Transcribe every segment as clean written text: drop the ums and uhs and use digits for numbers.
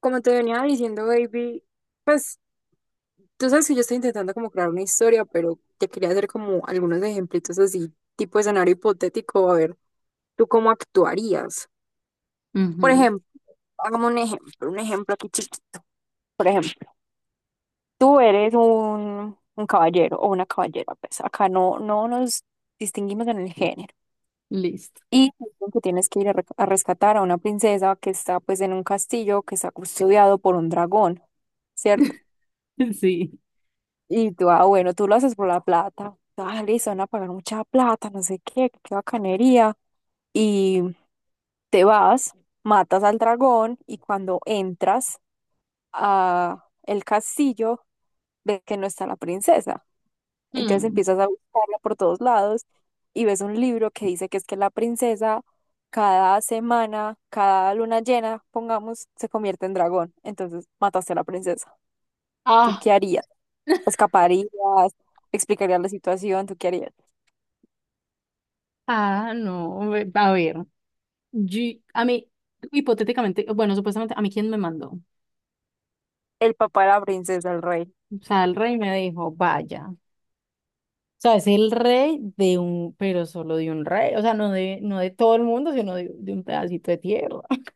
Como te venía diciendo, baby, pues tú sabes que yo estoy intentando como crear una historia, pero te quería hacer como algunos ejemplitos así, tipo escenario hipotético, a ver, ¿tú cómo actuarías? Por Ujú. ejemplo, hagamos un ejemplo aquí chiquito. Por ejemplo, tú eres un caballero o una caballera, pues acá no nos distinguimos en el género. Listo. Y dicen que tienes que ir a rescatar a una princesa que está pues en un castillo que está custodiado por un dragón, ¿cierto? Sí. Y tú lo haces por la plata. Ah, listo, van a pagar mucha plata, no sé qué, qué bacanería. Y te vas, matas al dragón y cuando entras a el castillo, ves que no está la princesa. Entonces Hmm. empiezas a buscarla por todos lados y ves un libro que dice que es que la princesa cada semana, cada luna llena, pongamos, se convierte en dragón. Entonces mataste a la princesa. ¿Tú Ah. qué harías? Escaparías, explicarías la situación, ¿tú qué harías? Ah, no. A ver. Yo, a mí, hipotéticamente, bueno, supuestamente, ¿a mí quién me mandó? El papá de la princesa, el rey. O sea, el rey me dijo, vaya. O sea, es el rey de un, pero solo de un rey. O sea, no de todo el mundo, sino de un pedacito de tierra.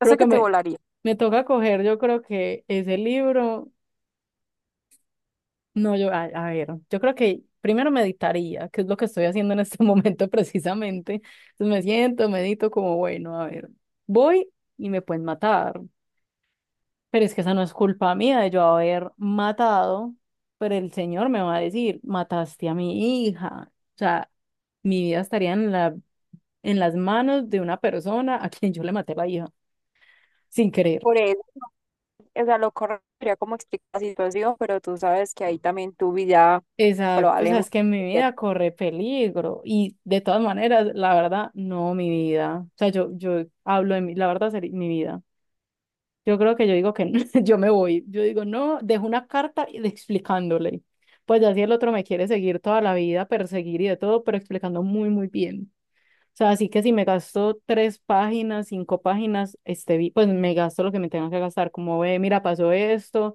O Creo sea que que te me, volaría. me toca coger, yo creo que ese libro. No, a ver, yo creo que primero meditaría, que es lo que estoy haciendo en este momento precisamente. Entonces me siento, medito como, bueno, a ver, voy y me pueden matar, pero es que esa no es culpa mía de yo haber matado, pero el Señor me va a decir, mataste a mi hija. O sea, mi vida estaría en las manos de una persona a quien yo le maté la hija, sin querer. Por eso, o sea, lo correcto sería como explicar la situación, pero tú sabes que ahí también tu vida Exacto, o sea, es probablemente. que mi vida corre peligro y de todas maneras, la verdad, no mi vida. O sea, yo hablo de mi, la verdad, sería mi vida. Yo creo que yo digo que no, yo me voy. Yo digo, no, dejo una carta explicándole. Pues ya si el otro me quiere seguir toda la vida, perseguir y de todo, pero explicando muy, muy bien. O sea, así que si me gasto tres páginas, cinco páginas, este, pues me gasto lo que me tenga que gastar. Como ve, mira, pasó esto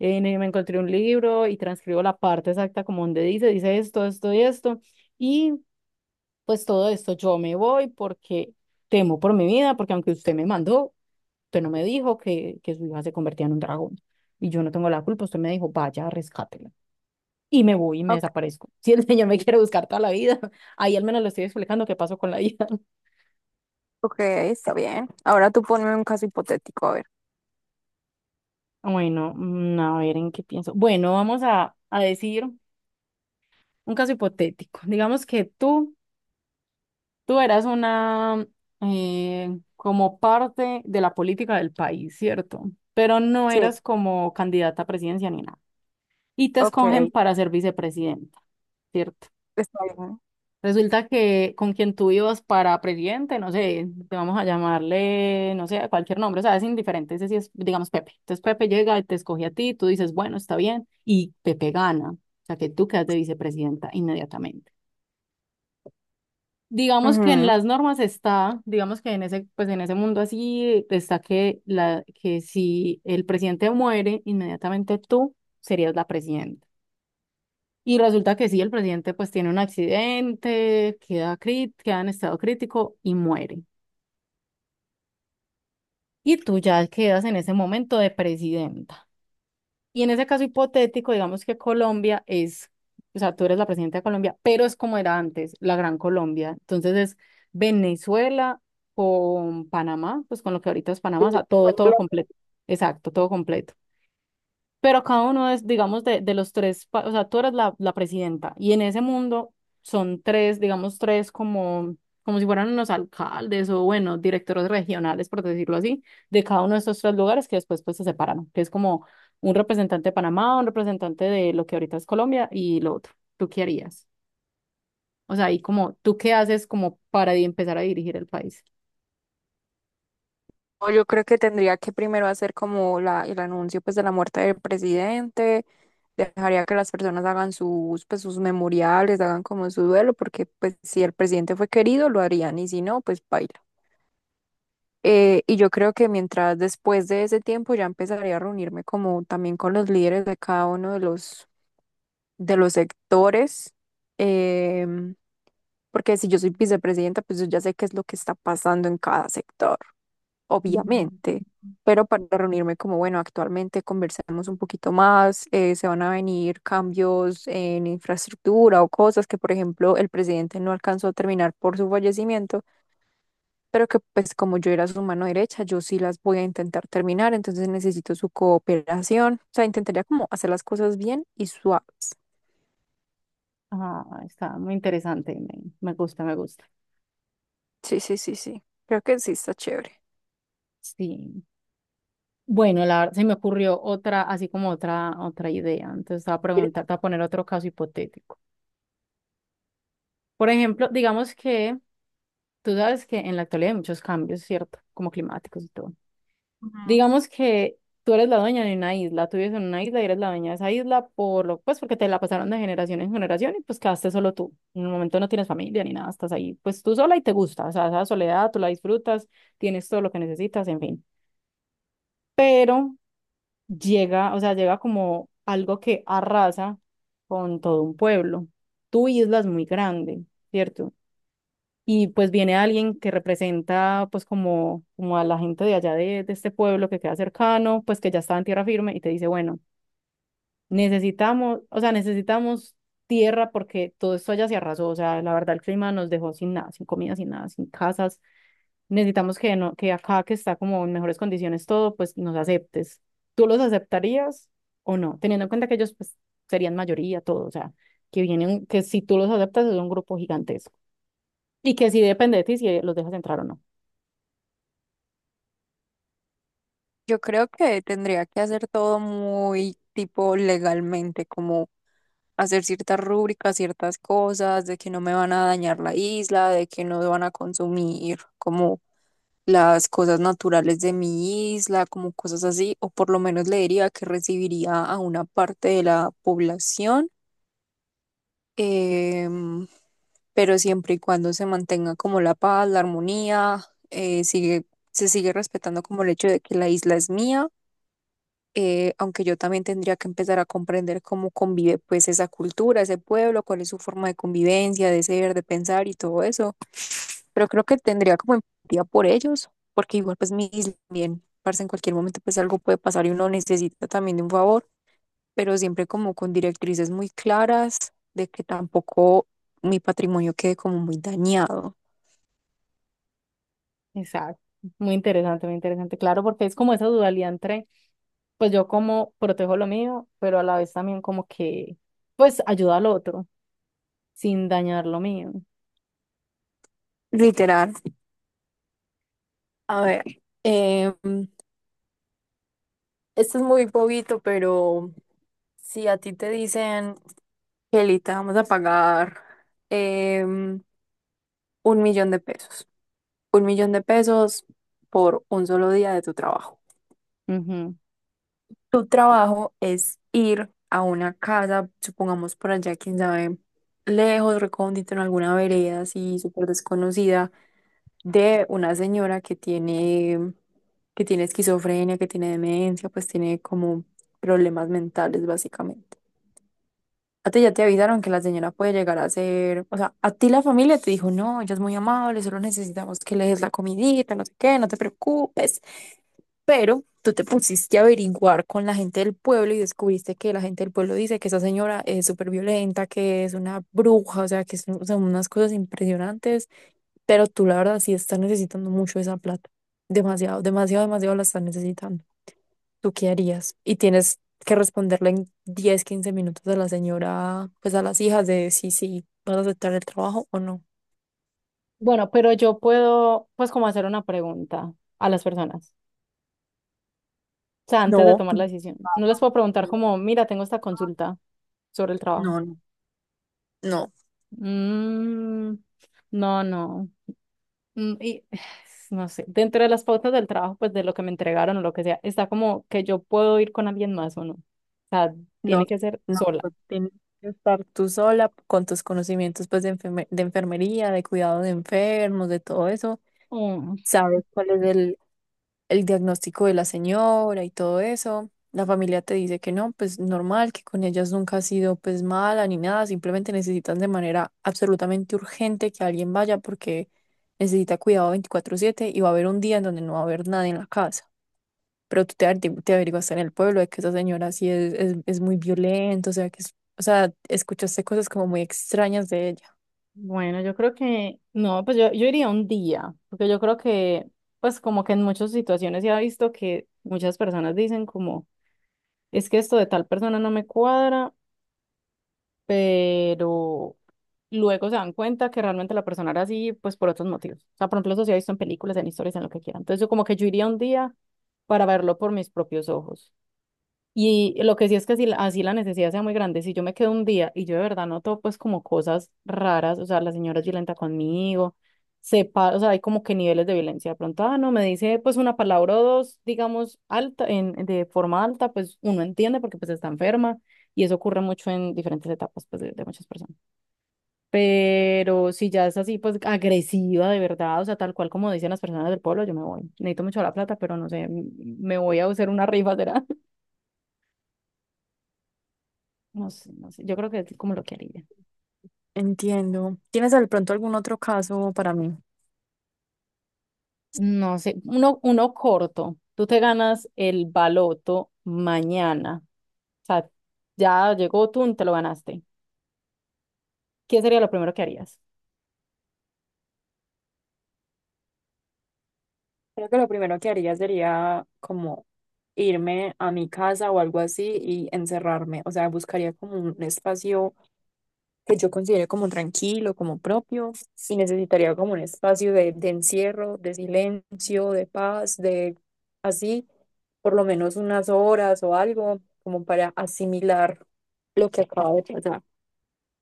me encontré un libro y transcribo la parte exacta como donde dice, dice esto, esto y esto. Y pues todo esto yo me voy porque temo por mi vida, porque aunque usted me mandó, usted no me dijo que su hija se convertía en un dragón. Y yo no tengo la culpa, usted me dijo, vaya, rescátela. Y me voy y me Ok, desaparezco. Si el señor me quiere buscar toda la vida, ahí al menos le estoy explicando qué pasó con la hija. ok, está bien. Ahora tú ponme un caso hipotético, a ver. Bueno, a ver en qué pienso. Bueno, a decir un caso hipotético. Digamos que tú. Tú eras una como parte de la política del país, ¿cierto? Pero no Sí, eras como candidata a presidencia ni nada. Y te ok, escogen para ser vicepresidenta, ¿cierto? está bien. Resulta que con quien tú ibas para presidente, no sé, te vamos a llamarle, no sé, a cualquier nombre, o sea, es indiferente, ese sí es, digamos, Pepe. Entonces Pepe llega y te escoge a ti, tú dices, bueno, está bien, y Pepe gana. O sea, que tú quedas de vicepresidenta inmediatamente. Digamos que en Ujú. las normas está, digamos que en ese, pues en ese mundo así está que la, que si el presidente muere, inmediatamente tú serías la presidenta. Y resulta que sí, el presidente pues tiene un accidente, queda crit, queda en estado crítico y muere. Y tú ya quedas en ese momento de presidenta. Y en ese caso hipotético, digamos que Colombia es, o sea, tú eres la presidenta de Colombia, pero es como era antes, la Gran Colombia. Entonces es Venezuela con Panamá, pues con lo que ahorita es Sí, Panamá, o sea, todo, todo ponlo. completo. Exacto, todo completo. Pero cada uno es, digamos, de los tres, o sea, tú eres la presidenta y en ese mundo son tres, digamos, tres como, como si fueran unos alcaldes o, bueno, directores regionales, por decirlo así, de cada uno de estos tres lugares que después pues se separan, que es como un representante de Panamá, un representante de lo que ahorita es Colombia y lo otro. ¿Tú qué harías? O sea, y como, ¿tú qué haces como para empezar a dirigir el país? No, yo creo que tendría que primero hacer como el anuncio pues de la muerte del presidente, dejaría que las personas hagan sus, pues, sus memoriales, hagan como su duelo, porque pues si el presidente fue querido lo harían y si no, pues baila. Y yo creo que mientras después de ese tiempo ya empezaría a reunirme como también con los líderes de cada uno de los sectores, em, porque si yo soy vicepresidenta, pues yo ya sé qué es lo que está pasando en cada sector, obviamente, pero para reunirme como, bueno, actualmente conversemos un poquito más, se van a venir cambios en infraestructura o cosas que, por ejemplo, el presidente no alcanzó a terminar por su fallecimiento, pero que pues como yo era su mano derecha, yo sí las voy a intentar terminar, entonces necesito su cooperación, o sea, intentaría como hacer las cosas bien y suaves. Ah, está muy interesante, me gusta, me gusta. Sí, sí, sí, sí. Creo que sí está chévere. Sí. Bueno, la, verdad se me ocurrió otra, así como otra, otra idea. Entonces, te voy a ¿Quieres la-? preguntar, te voy a poner otro caso hipotético. Por ejemplo, digamos que tú sabes que en la actualidad hay muchos cambios, ¿cierto? Como climáticos y todo. Ujú. Digamos que tú eres la dueña de una isla, tú vives en una isla y eres la dueña de esa isla por lo, pues porque te la pasaron de generación en generación y pues quedaste solo tú. En el momento no tienes familia ni nada, estás ahí, pues tú sola y te gusta. O sea, esa soledad tú la disfrutas, tienes todo lo que necesitas, en fin. Pero llega, o sea, llega como algo que arrasa con todo un pueblo. Tu isla es muy grande, ¿cierto? Y pues viene alguien que representa pues como, como a la gente de allá de este pueblo que queda cercano, pues que ya está en tierra firme y te dice, bueno, necesitamos, o sea, necesitamos tierra porque todo esto allá se arrasó, o sea, la verdad el clima nos dejó sin nada, sin comida, sin nada, sin casas, necesitamos no, que acá que está como en mejores condiciones todo, pues nos aceptes. ¿Tú los aceptarías o no? Teniendo en cuenta que ellos pues serían mayoría, todo, o sea, que vienen, que si tú los aceptas es un grupo gigantesco y que sí depende de ti si los dejas entrar o no. Yo creo que tendría que hacer todo muy tipo legalmente, como hacer ciertas rúbricas, ciertas cosas, de que no me van a dañar la isla, de que no van a consumir como las cosas naturales de mi isla, como cosas así, o por lo menos le diría que recibiría a una parte de la población. em, pero siempre y cuando se mantenga como la paz, la armonía, eh, sigue, se sigue respetando como el hecho de que la isla es mía, aunque yo también tendría que empezar a comprender cómo convive pues esa cultura, ese pueblo, cuál es su forma de convivencia, de ser, de pensar y todo eso, pero creo que tendría como empatía por ellos, porque igual pues mi isla también, parce, en cualquier momento pues algo puede pasar y uno necesita también de un favor pero siempre como con directrices muy claras de que tampoco mi patrimonio quede como muy dañado. Exacto. Muy interesante, claro, porque es como esa dualidad entre, pues yo como protejo lo mío, pero a la vez también como que, pues ayuda al otro sin dañar lo mío. Literal. A ver, eh, esto es muy bobito, pero si a ti te dicen, Kelly, te vamos a pagar un millón de pesos, un millón de pesos por un solo día de tu trabajo. Ujú. Tu trabajo es ir a una casa, supongamos por allá, quién sabe, lejos, recóndito, en alguna vereda así súper desconocida, de una señora que tiene esquizofrenia, que tiene demencia, pues tiene como problemas mentales básicamente. A ti ya te avisaron que la señora puede llegar a ser, o sea, a ti la familia te dijo, no, ella es muy amable, solo necesitamos que le des la comidita, no sé qué, no te preocupes. Pero tú te pusiste a averiguar con la gente del pueblo y descubriste que la gente del pueblo dice que esa señora es súper violenta, que es una bruja, o sea, que son unas cosas impresionantes, pero tú la verdad sí estás necesitando mucho esa plata. Demasiado, demasiado, demasiado la estás necesitando. ¿Tú qué harías? Y tienes que responderle en 10, 15 minutos a la señora, pues a las hijas de si vas a aceptar el trabajo o no. Bueno, pero yo puedo, pues como hacer una pregunta a las personas. O sea, antes de No, tomar la no, decisión. No les puedo preguntar no, como, mira, tengo esta consulta sobre el trabajo. no. No. Mm, no, no. Mm, y no sé, dentro de las pautas del trabajo, pues de lo que me entregaron o lo que sea, está como que yo puedo ir con alguien más o no. O sea, tiene No, que ser no, sola. pues, tienes que estar tú sola con tus conocimientos pues de enfermería, de cuidado de enfermos, de todo eso. Mm, Sabes cuál es el diagnóstico de la señora y todo eso. La familia te dice que no, pues normal, que con ellas nunca ha sido pues mala ni nada, simplemente necesitan de manera absolutamente urgente que alguien vaya porque necesita cuidado 24/7 y va a haber un día en donde no va a haber nadie en la casa pero tú te averiguaste en el pueblo de que esa señora sí es muy violenta, o sea, o sea, escuchaste cosas como muy extrañas de ella. bueno, yo creo que, no, yo iría un día, porque yo creo que, pues como que en muchas situaciones se ha visto que muchas personas dicen como, es que esto de tal persona no me cuadra pero luego se dan cuenta que realmente la persona era así, pues por otros motivos. O sea, por ejemplo, eso se ha visto en películas, en historias, en lo que quieran. Entonces, yo como que yo iría un día para verlo por mis propios ojos. Y lo que sí es que si así la necesidad sea muy grande, si yo me quedo un día y yo de verdad noto pues como cosas raras, o sea, la señora es violenta conmigo, sepa, o sea, hay como que niveles de violencia. De pronto, ah, no, me dice pues una palabra o dos, digamos, alta, de forma alta, pues uno entiende porque pues está enferma y eso ocurre mucho en diferentes etapas pues de muchas personas. Pero si ya es así pues agresiva de verdad, o sea, tal cual como dicen las personas del pueblo, yo me voy. Necesito mucho la plata, pero no sé, me voy a hacer una rifa, ¿será? No sé, no sé. Yo creo que es como lo que haría. Entiendo. ¿Tienes de pronto algún otro caso para mí? No sé, uno, uno corto. Tú te ganas el baloto mañana. O sea, ya llegó tú, te lo ganaste. ¿Qué sería lo primero que harías? Creo que lo primero que haría sería como irme a mi casa o algo así y encerrarme. O sea, buscaría como un espacio que yo considere como tranquilo, como propio, y necesitaría como un espacio de encierro, de silencio, de paz, de así, por lo menos unas horas o algo, como para asimilar lo que acaba de pasar.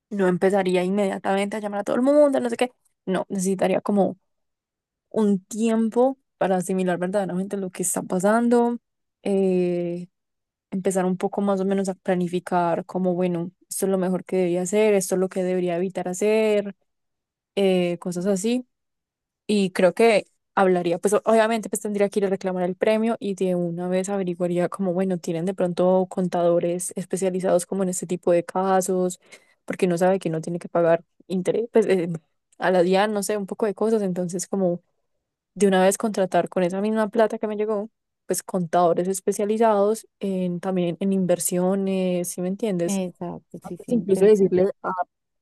No empezaría inmediatamente a llamar a todo el mundo, no sé qué. No, necesitaría como un tiempo para asimilar verdaderamente lo que está pasando, eh, empezar un poco más o menos a planificar como, bueno, esto es lo mejor que debería hacer, esto es lo que debería evitar hacer, cosas así. Y creo que hablaría, pues obviamente pues tendría que ir a reclamar el premio y de una vez averiguaría como, bueno, tienen de pronto contadores especializados como en este tipo de casos, porque no sabe que no tiene que pagar interés, pues a la DIAN, no sé, un poco de cosas. Entonces como de una vez contratar con esa misma plata que me llegó, pues contadores especializados en, también en inversiones, ¿sí me entiendes? Exacto, Pues, sí, sí, incluso intento. decirle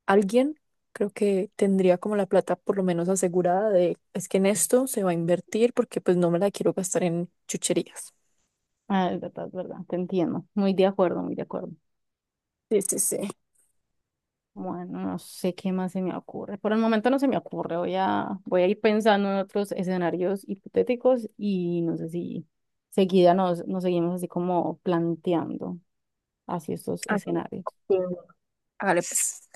alguien creo que tendría como la plata por lo menos asegurada de, es que en esto se va a invertir porque pues no me la quiero gastar en chucherías. Ah, es verdad, te entiendo. Muy de acuerdo, muy de acuerdo. Sí, sí, sí. Bueno, no sé qué más se me ocurre. Por el momento no se me ocurre. Voy a ir pensando en otros escenarios hipotéticos y no sé si seguida nos, nos seguimos así como planteando así estos Hágale, escenarios. sí, bueno. Hágale, pues.